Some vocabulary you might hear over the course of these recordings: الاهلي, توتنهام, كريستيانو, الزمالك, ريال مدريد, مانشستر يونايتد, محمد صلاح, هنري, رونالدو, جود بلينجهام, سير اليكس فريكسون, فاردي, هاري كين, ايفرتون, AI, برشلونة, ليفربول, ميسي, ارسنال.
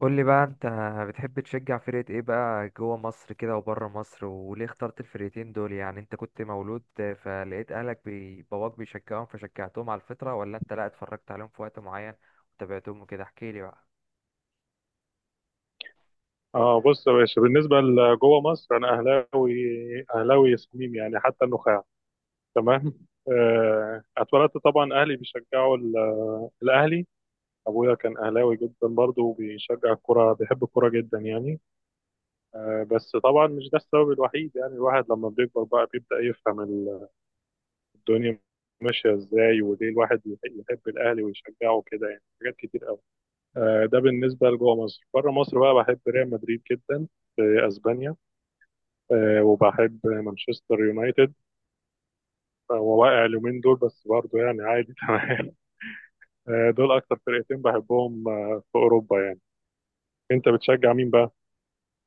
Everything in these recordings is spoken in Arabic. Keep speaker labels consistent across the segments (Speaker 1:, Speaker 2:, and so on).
Speaker 1: قول لي بقى انت، بتحب تشجع فرقة ايه بقى جوه مصر كده وبره مصر؟ وليه اخترت الفرقتين دول؟ يعني انت كنت مولود فلقيت اهلك باباك بيشجعهم فشجعتهم على الفطرة، ولا انت لا اتفرجت عليهم في وقت معين وتابعتهم وكده؟ احكي لي بقى.
Speaker 2: اه، بص يا باشا. بالنسبه لجوه مصر انا اهلاوي، اهلاوي صميم يعني حتى النخاع. تمام. اتولدت طبعا اهلي بيشجعوا الاهلي. ابويا كان اهلاوي جدا برضه، وبيشجع الكوره، بيحب الكوره جدا يعني. بس طبعا مش ده السبب الوحيد، يعني الواحد لما بيكبر بقى بيبدا يفهم الدنيا ماشيه ازاي، وليه الواحد يحب الاهلي ويشجعه كده، يعني حاجات كتير قوي. ده بالنسبه لجوه مصر. بره مصر بقى بحب ريال مدريد جدا، في اسبانيا. وبحب مانشستر يونايتد. هو واقع اليومين دول بس، برضه يعني عادي. تمام. دول اكتر فرقتين بحبهم، في اوروبا يعني. انت بتشجع مين بقى؟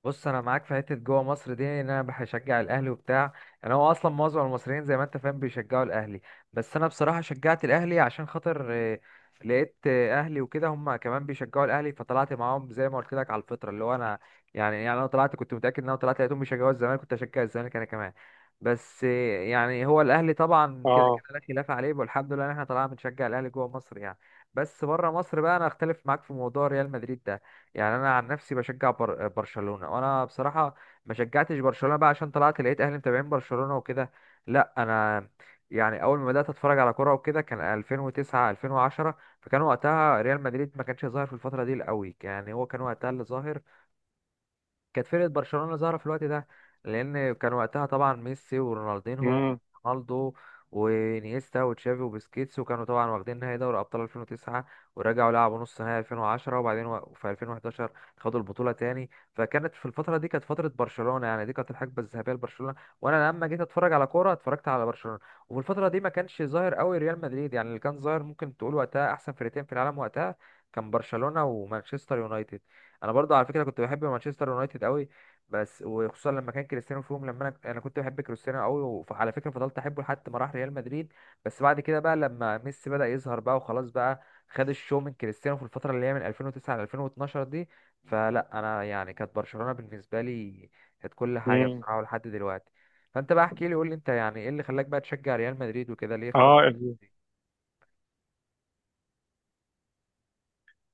Speaker 1: بص، انا معاك في حته جوه مصر دي، ان انا بشجع الاهلي وبتاع. انا هو اصلا معظم المصريين زي ما انت فاهم بيشجعوا الاهلي. بس انا بصراحه شجعت الاهلي عشان خاطر لقيت اهلي وكده، هم كمان بيشجعوا الاهلي فطلعت معاهم زي ما قلت لك على الفطره، اللي هو انا يعني انا طلعت، كنت متاكد ان انا طلعت لقيتهم بيشجعوا الزمالك كنت اشجع الزمالك انا كمان. بس يعني هو الاهلي طبعا كده كده
Speaker 2: اه
Speaker 1: لا خلاف عليه، والحمد لله ان احنا طلعنا بنشجع الاهلي جوه مصر يعني. بس بره مصر بقى انا اختلف معاك في موضوع ريال مدريد ده. يعني انا عن نفسي بشجع برشلونه. وانا بصراحه ما شجعتش برشلونه بقى عشان طلعت لقيت اهلي متابعين برشلونه وكده. لا انا يعني اول ما بدات اتفرج على كوره وكده كان 2009 2010. فكان وقتها ريال مدريد ما كانش ظاهر في الفتره دي قوي، يعني هو كان وقتها اللي ظاهر كانت فرقة برشلونة ظاهرة في الوقت ده. لأن كان وقتها طبعا ميسي ورونالدينهو،
Speaker 2: امم
Speaker 1: رونالدو، وانيستا وتشافي وبسكيتس، وكانوا طبعا واخدين نهائي دوري ابطال 2009. ورجعوا لعبوا نص نهائي 2010، وبعدين في 2011 خدوا البطوله تاني. فكانت في الفتره دي كانت فتره برشلونه، يعني دي كانت الحقبه الذهبيه لبرشلونه. وانا لما جيت اتفرج على كوره اتفرجت على برشلونه. وفي الفتره دي ما كانش ظاهر قوي ريال مدريد، يعني اللي كان ظاهر ممكن تقول وقتها احسن فرقتين في العالم وقتها كان برشلونه ومانشستر يونايتد. انا برضو على فكره كنت بحب مانشستر يونايتد قوي، بس وخصوصا لما كان كريستيانو فيهم. لما انا كنت بحب كريستيانو قوي. وعلى فكره فضلت احبه لحد ما راح ريال مدريد. بس بعد كده بقى لما ميسي بدا يظهر بقى وخلاص بقى خد الشو من كريستيانو في الفتره اللي هي من 2009 ل 2012 دي. فلا انا يعني كانت برشلونه بالنسبه لي، كانت كل حاجه
Speaker 2: امم
Speaker 1: بصراحه لحد دلوقتي. فانت بقى احكي لي، قول لي انت يعني ايه اللي خلاك بقى تشجع ريال مدريد وكده؟ ليه
Speaker 2: اه
Speaker 1: اخترت؟
Speaker 2: ال-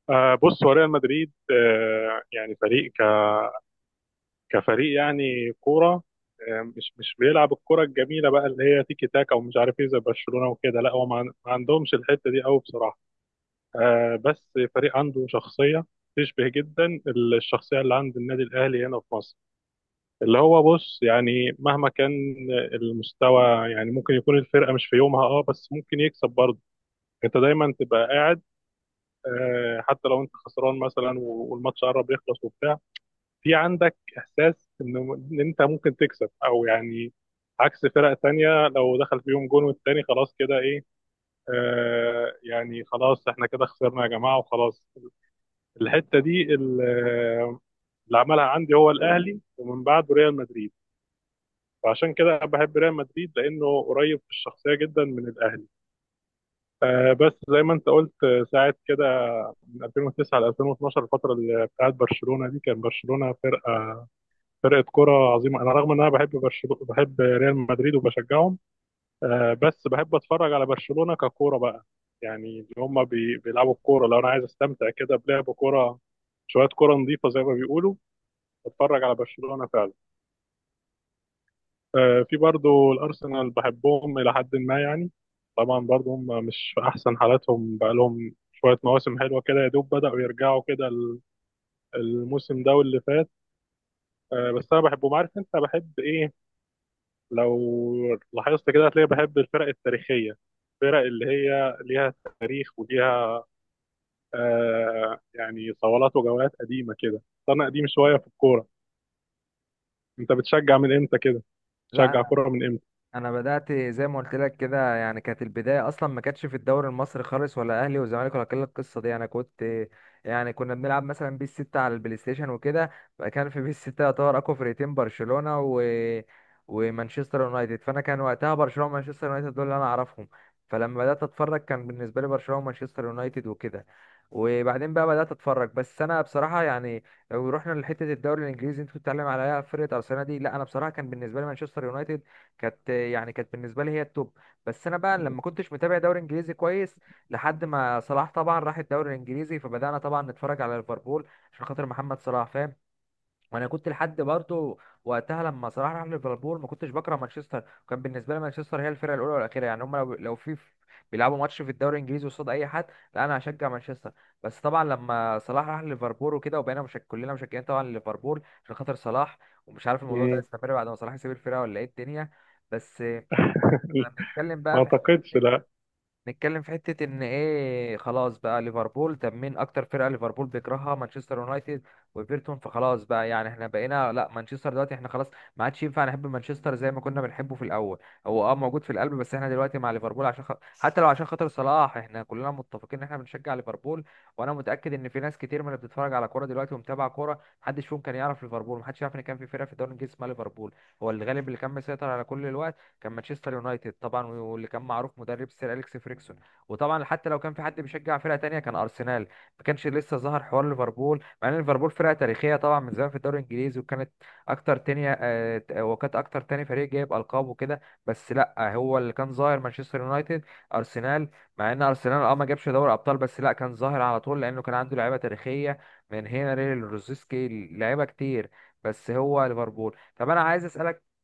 Speaker 2: آه، بص هو ريال مدريد. يعني فريق كفريق، يعني كوره، مش بيلعب الكوره الجميله بقى، اللي هي تيكي تاكا ومش عارف ايه زي برشلونه وكده. لا، هو ما عندهمش الحته دي قوي بصراحه. آه، بس فريق عنده شخصية تشبه جدا الشخصية اللي عند النادي الأهلي هنا في مصر. اللي هو، بص، يعني مهما كان المستوى، يعني ممكن يكون الفرقة مش في يومها، اه، بس ممكن يكسب برضه. انت دايما تبقى قاعد، حتى لو انت خسران مثلا والماتش قرب يخلص وبتاع، في عندك إحساس إن انت ممكن تكسب، أو يعني عكس فرق تانية، لو دخل فيهم جون والتاني خلاص كده ايه، يعني خلاص احنا كده خسرنا يا جماعة وخلاص. الحته دي اللي عملها عندي هو الاهلي، ومن بعده ريال مدريد. فعشان كده بحب ريال مدريد لانه قريب في الشخصيه جدا من الاهلي. بس زي ما انت قلت، ساعه كده من 2009 ل 2012، الفتره اللي بتاعت برشلونه دي، كان برشلونه فرقه كره عظيمه. انا رغم ان انا بحب برشلونه، بحب ريال مدريد وبشجعهم. بس بحب اتفرج على برشلونه ككوره بقى، يعني اللي هم بيلعبوا الكوره. لو انا عايز استمتع كده بلعب كوره، شويه كوره نظيفه زي ما بيقولوا، بتفرج على برشلونة فعلا. في برضو الأرسنال بحبهم إلى حد ما يعني. طبعا برضو هم مش في أحسن حالاتهم، بقالهم شوية مواسم حلوة كده يا دوب بدأوا يرجعوا كده الموسم ده واللي فات. بس أنا بحبهم. عارف أنت بحب إيه؟ لو لاحظت كده هتلاقي بحب الفرق التاريخية، الفرق اللي هي ليها تاريخ وليها يعني صولات وجولات قديمة كده. أنا قديم شوية في الكورة. أنت بتشجع من إمتى كده؟ بتشجع
Speaker 1: لا،
Speaker 2: كورة من إمتى؟
Speaker 1: انا بدات زي ما قلت لك كده، يعني كانت البدايه اصلا ما كانتش في الدوري المصري خالص، ولا اهلي وزمالك ولا كل القصه دي. انا كنت يعني كنا بنلعب مثلا بيس 6 على البلاي ستيشن وكده. كان في بيس 6 يعتبر اقوى فرقتين برشلونه ومانشستر يونايتد. فانا كان وقتها برشلونه ومانشستر يونايتد دول اللي انا اعرفهم. فلما بدات اتفرج كان بالنسبه لي برشلونه ومانشستر يونايتد وكده. وبعدين بقى بدات اتفرج. بس انا بصراحه يعني لو رحنا لحته الدوري الانجليزي انت كنت بتتكلم عليها فرقه ارسنال دي، لا انا بصراحه كان بالنسبه لي مانشستر يونايتد كانت، يعني كانت بالنسبه لي هي التوب. بس انا بقى لما كنتش متابع دوري انجليزي كويس لحد ما صلاح طبعا راح الدوري الانجليزي، فبدانا طبعا نتفرج على ليفربول عشان خاطر محمد صلاح، فاهم؟ وانا كنت لحد برضه وقتها لما صلاح راح ليفربول ما كنتش بكره مانشستر، وكان بالنسبه لي مانشستر هي الفرقه الاولى والاخيره. يعني هم لو في بيلعبوا ماتش في الدوري الانجليزي قصاد اي حد، لا انا هشجع مانشستر. بس طبعا لما صلاح راح ليفربول وكده، وبقينا مش كلنا مشجعين طبعا ليفربول عشان خاطر صلاح. ومش عارف الموضوع ده
Speaker 2: مم.
Speaker 1: استمر بعد ما صلاح يسيب الفرقه ولا ايه الدنيا. بس لما نتكلم
Speaker 2: ما
Speaker 1: بقى في
Speaker 2: اعتقدش، لا.
Speaker 1: نتكلم في حتة إن إيه خلاص بقى ليفربول. طب مين أكتر فرقة ليفربول بيكرهها؟ مانشستر يونايتد وإيفرتون. فخلاص بقى يعني إحنا بقينا لأ مانشستر، دلوقتي إحنا خلاص ما عادش ينفع نحب مانشستر زي ما كنا بنحبه في الأول. هو أه موجود في القلب، بس إحنا دلوقتي مع ليفربول عشان حتى لو عشان خاطر صلاح إحنا كلنا متفقين إن إحنا بنشجع ليفربول. وأنا متأكد إن في ناس كتير من اللي بتتفرج على كورة دلوقتي ومتابعة كورة، محدش فيهم كان يعرف ليفربول، محدش يعرف إن كان في فرقة في الدوري الإنجليزي اسمها ليفربول. هو الغالب اللي كان مسيطر على كل الوقت كان مانشستر يونايتد طبعا، واللي كان معروف مدرب سير اليكس فريكسون. وطبعا حتى لو كان في حد بيشجع فرقه تانية كان ارسنال. ما كانش لسه ظهر حوار ليفربول، مع ان ليفربول فرقه تاريخيه طبعا من زمان في الدوري الانجليزي وكانت اكتر تانية، وكانت اكتر تاني فريق جايب القاب وكده. بس لا هو اللي كان ظاهر مانشستر يونايتد، ارسنال. مع ان ارسنال اه ما جابش دوري ابطال، بس لا كان ظاهر على طول لانه كان عنده لعيبه تاريخيه، من هنري لروزيسكي، لعيبه كتير. بس هو ليفربول، طب انا عايز اسالك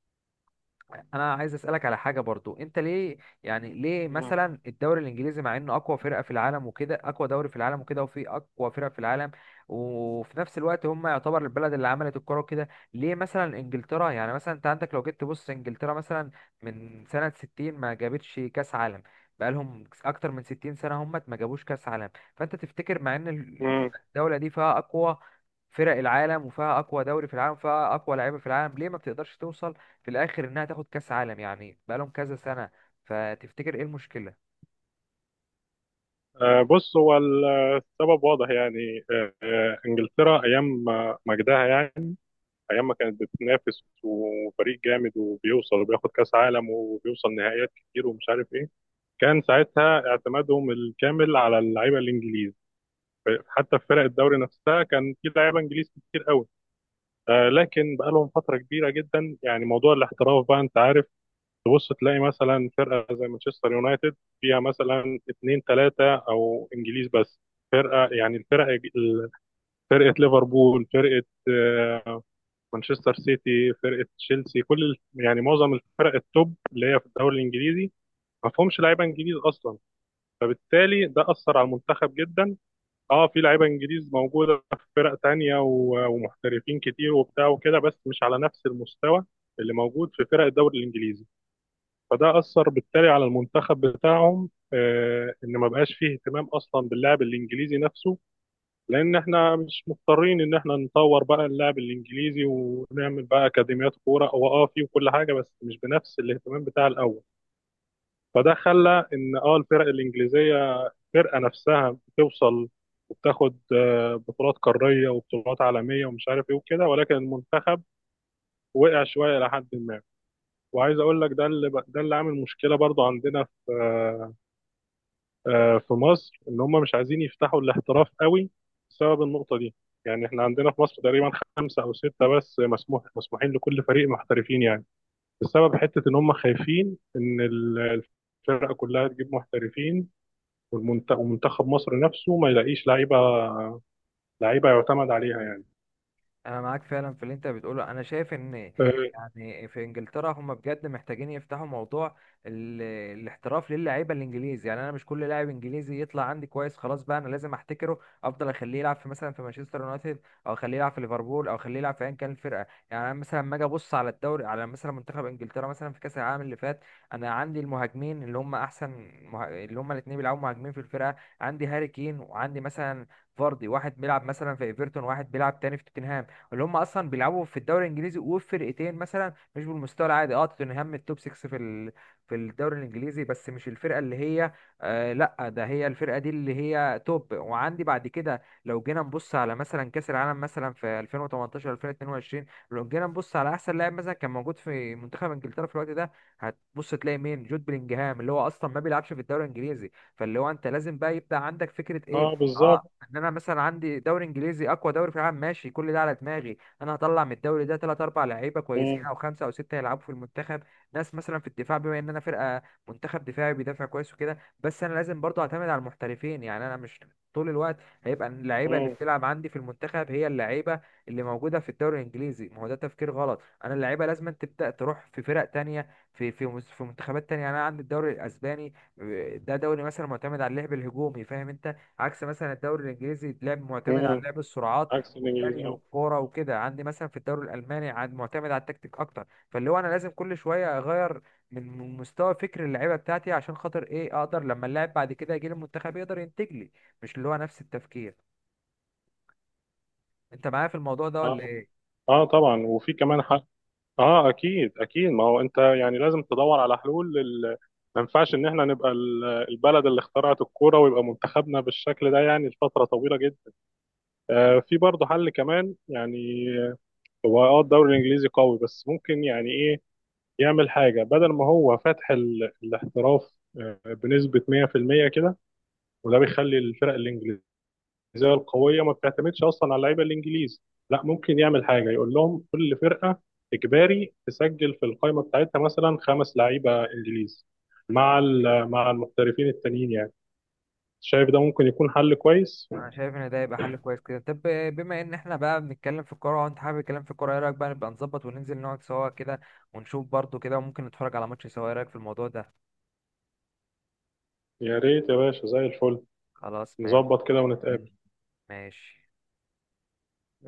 Speaker 1: انا عايز اسالك على حاجه برضو. انت ليه يعني ليه
Speaker 2: مم.
Speaker 1: مثلا الدوري الانجليزي، مع انه اقوى فرقه في العالم وكده، اقوى دوري في العالم وكده، وفي اقوى فرق في العالم، وفي نفس الوقت هم يعتبر البلد اللي عملت الكوره وكده، ليه مثلا انجلترا، يعني مثلا انت عندك لو جيت تبص انجلترا مثلا من سنه 60 ما جابتش كاس عالم؟ بقالهم اكتر من 60 سنه هم ما جابوش كاس عالم. فانت تفتكر، مع ان
Speaker 2: مم.
Speaker 1: الدوله دي فيها اقوى فرق العالم وفيها اقوى دوري في العالم وفيها اقوى لعيبه في العالم، ليه ما بتقدرش توصل في الاخر انها تاخد كاس عالم، يعني بقالهم كذا سنه؟ فتفتكر ايه المشكله؟
Speaker 2: بص هو السبب واضح يعني. انجلترا ايام مجدها يعني، ايام ما كانت بتنافس وفريق جامد وبيوصل وبياخد كاس عالم وبيوصل نهائيات كتير ومش عارف ايه، كان ساعتها اعتمادهم الكامل على اللعيبه الانجليز. حتى في فرق الدوري نفسها كان في لعيبه انجليز كتير قوي. لكن بقالهم فتره كبيره جدا، يعني موضوع الاحتراف بقى، انت عارف، تبص تلاقي مثلا فرقه زي مانشستر يونايتد فيها مثلا اثنين ثلاثه او انجليز بس. فرقه، يعني الفرقه، فرقه ليفربول، فرقه، مانشستر سيتي، فرقه تشيلسي، كل يعني معظم الفرق التوب اللي هي في الدوري الانجليزي ما فيهمش لعيبه انجليز اصلا. فبالتالي ده اثر على المنتخب جدا. اه، في لعيبه انجليز موجوده في فرق تانية ومحترفين كتير وبتاع وكده، بس مش على نفس المستوى اللي موجود في فرق الدوري الانجليزي. فده أثر بالتالي على المنتخب بتاعهم، إن ما بقاش فيه اهتمام أصلا باللاعب الإنجليزي نفسه. لأن إحنا مش مضطرين إن إحنا نطور بقى اللاعب الإنجليزي ونعمل بقى أكاديميات كورة، هو فيه وكل حاجة، بس مش بنفس الاهتمام بتاع الأول. فده خلى إن الفرق الإنجليزية، الفرقة نفسها بتوصل وبتاخد بطولات قارية وبطولات عالمية ومش عارف إيه وكده، ولكن المنتخب وقع شوية إلى حد ما. وعايز أقول لك ده اللي عامل مشكلة برضو عندنا في آه، آه، في مصر، ان هم مش عايزين يفتحوا الاحتراف قوي بسبب النقطه دي. يعني احنا عندنا في مصر تقريبا خمسه او سته بس مسموحين لكل فريق محترفين يعني، بسبب حته ان هم خايفين ان الفرقه كلها تجيب محترفين، ومنتخب مصر نفسه ما يلاقيش لعيبه يعتمد عليها يعني.
Speaker 1: انا معاك فعلا في اللي انت بتقوله. انا شايف ان
Speaker 2: اه.
Speaker 1: يعني في انجلترا هم بجد محتاجين يفتحوا موضوع ال... الاحتراف للاعيبه الانجليزي. يعني انا مش كل لاعب انجليزي يطلع عندي كويس خلاص بقى انا لازم احتكره، افضل اخليه يلعب في مثلا في مانشستر يونايتد، او اخليه يلعب في ليفربول، او اخليه يلعب في ايا كان الفرقه. يعني انا مثلا لما اجي ابص على الدوري، على مثلا منتخب انجلترا مثلا في كاس العالم اللي فات، انا عندي المهاجمين اللي هم احسن اللي هم الاثنين بيلعبوا مهاجمين في الفرقه. عندي هاري كين، وعندي مثلا فاردي، واحد بيلعب مثلا في ايفرتون، واحد بيلعب تاني في توتنهام، اللي هم اصلا بيلعبوا في الدوري الانجليزي، وفرقتين مثلا مش بالمستوى العادي. اه، توتنهام التوب 6 في في الدوري الانجليزي، بس مش الفرقه اللي هي، لا ده هي الفرقه دي اللي هي توب. وعندي بعد كده لو جينا نبص على مثلا كاس العالم مثلا في 2018 2022، لو جينا نبص على احسن لاعب مثلا كان موجود في منتخب انجلترا في الوقت ده، هتبص تلاقي مين؟ جود بلينجهام، اللي هو اصلا ما بيلعبش في الدوري الانجليزي. فاللي هو انت لازم بقى يبدا عندك فكره ايه.
Speaker 2: بالظبط.
Speaker 1: اه، ان انا مثلا عندي دوري انجليزي اقوى دوري في العالم، ماشي كل ده على دماغي. انا هطلع من الدوري ده ثلاث اربع لعيبه كويسين
Speaker 2: مم.
Speaker 1: او خمسه او سته يلعبوا في المنتخب. ناس مثلا في الدفاع، بما ان انا منتخب دفاعي بيدافع كويس وكده. بس انا لازم برضه اعتمد على المحترفين، يعني انا مش طول الوقت هيبقى اللعيبه اللي
Speaker 2: مم.
Speaker 1: بتلعب عندي في المنتخب هي اللعيبه اللي موجوده في الدوري الانجليزي. ما هو ده تفكير غلط. انا اللعيبه لازم تبدا تروح في فرق تانية، في منتخبات تانية. يعني انا عندي الدوري الاسباني ده دوري مثلا معتمد على اللعب الهجومي، فاهم انت؟ عكس مثلا الدوري الانجليزي لعب معتمد على
Speaker 2: مم.
Speaker 1: لعب السرعات
Speaker 2: عكس الانجليزي،
Speaker 1: والجري
Speaker 2: اه.
Speaker 1: والكوره وكده. عندي مثلا في الدوري الالماني عن معتمد على التكتيك اكتر، فاللي هو انا لازم كل شويه اغير من مستوى فكر اللعيبه بتاعتي عشان خاطر ايه؟ اقدر لما اللاعب بعد كده يجي المنتخب يقدر ينتج لي، مش اللي هو نفس التفكير. انت معايا في الموضوع ده ولا
Speaker 2: اه،
Speaker 1: ايه؟
Speaker 2: اه، طبعا. وفي كمان، اه، اكيد اكيد. ما هو انت يعني لازم تدور على حلول ما ينفعش ان احنا نبقى البلد اللي اخترعت الكوره ويبقى منتخبنا بالشكل ده يعني لفتره طويله جدا. في برضه حل كمان يعني، هو الدوري الانجليزي قوي، بس ممكن يعني ايه، يعمل حاجه. بدل ما هو فاتح الاحتراف بنسبه 100% كده، وده بيخلي الفرق الانجليزيه التجهيزيه القويه ما بتعتمدش اصلا على اللعيبه الانجليز، لا ممكن يعمل حاجه يقول لهم كل فرقه اجباري تسجل في القائمه بتاعتها مثلا خمس لعيبه انجليز، مع مع المحترفين التانيين يعني. شايف ده ممكن يكون حل كويس؟
Speaker 1: انا شايف ان ده يبقى حل كويس كده. طب بما ان احنا بقى بنتكلم في الكوره وانت حابب الكلام في الكوره، ايه رايك بقى نبقى نظبط وننزل نقعد سوا كده، ونشوف برضو كده، وممكن نتفرج على ماتش سوا؟ ايه رايك في الموضوع ده؟
Speaker 2: يا ريت يا باشا، زي الفل.
Speaker 1: خلاص ماشي
Speaker 2: نظبط كده ونتقابل.
Speaker 1: ماشي.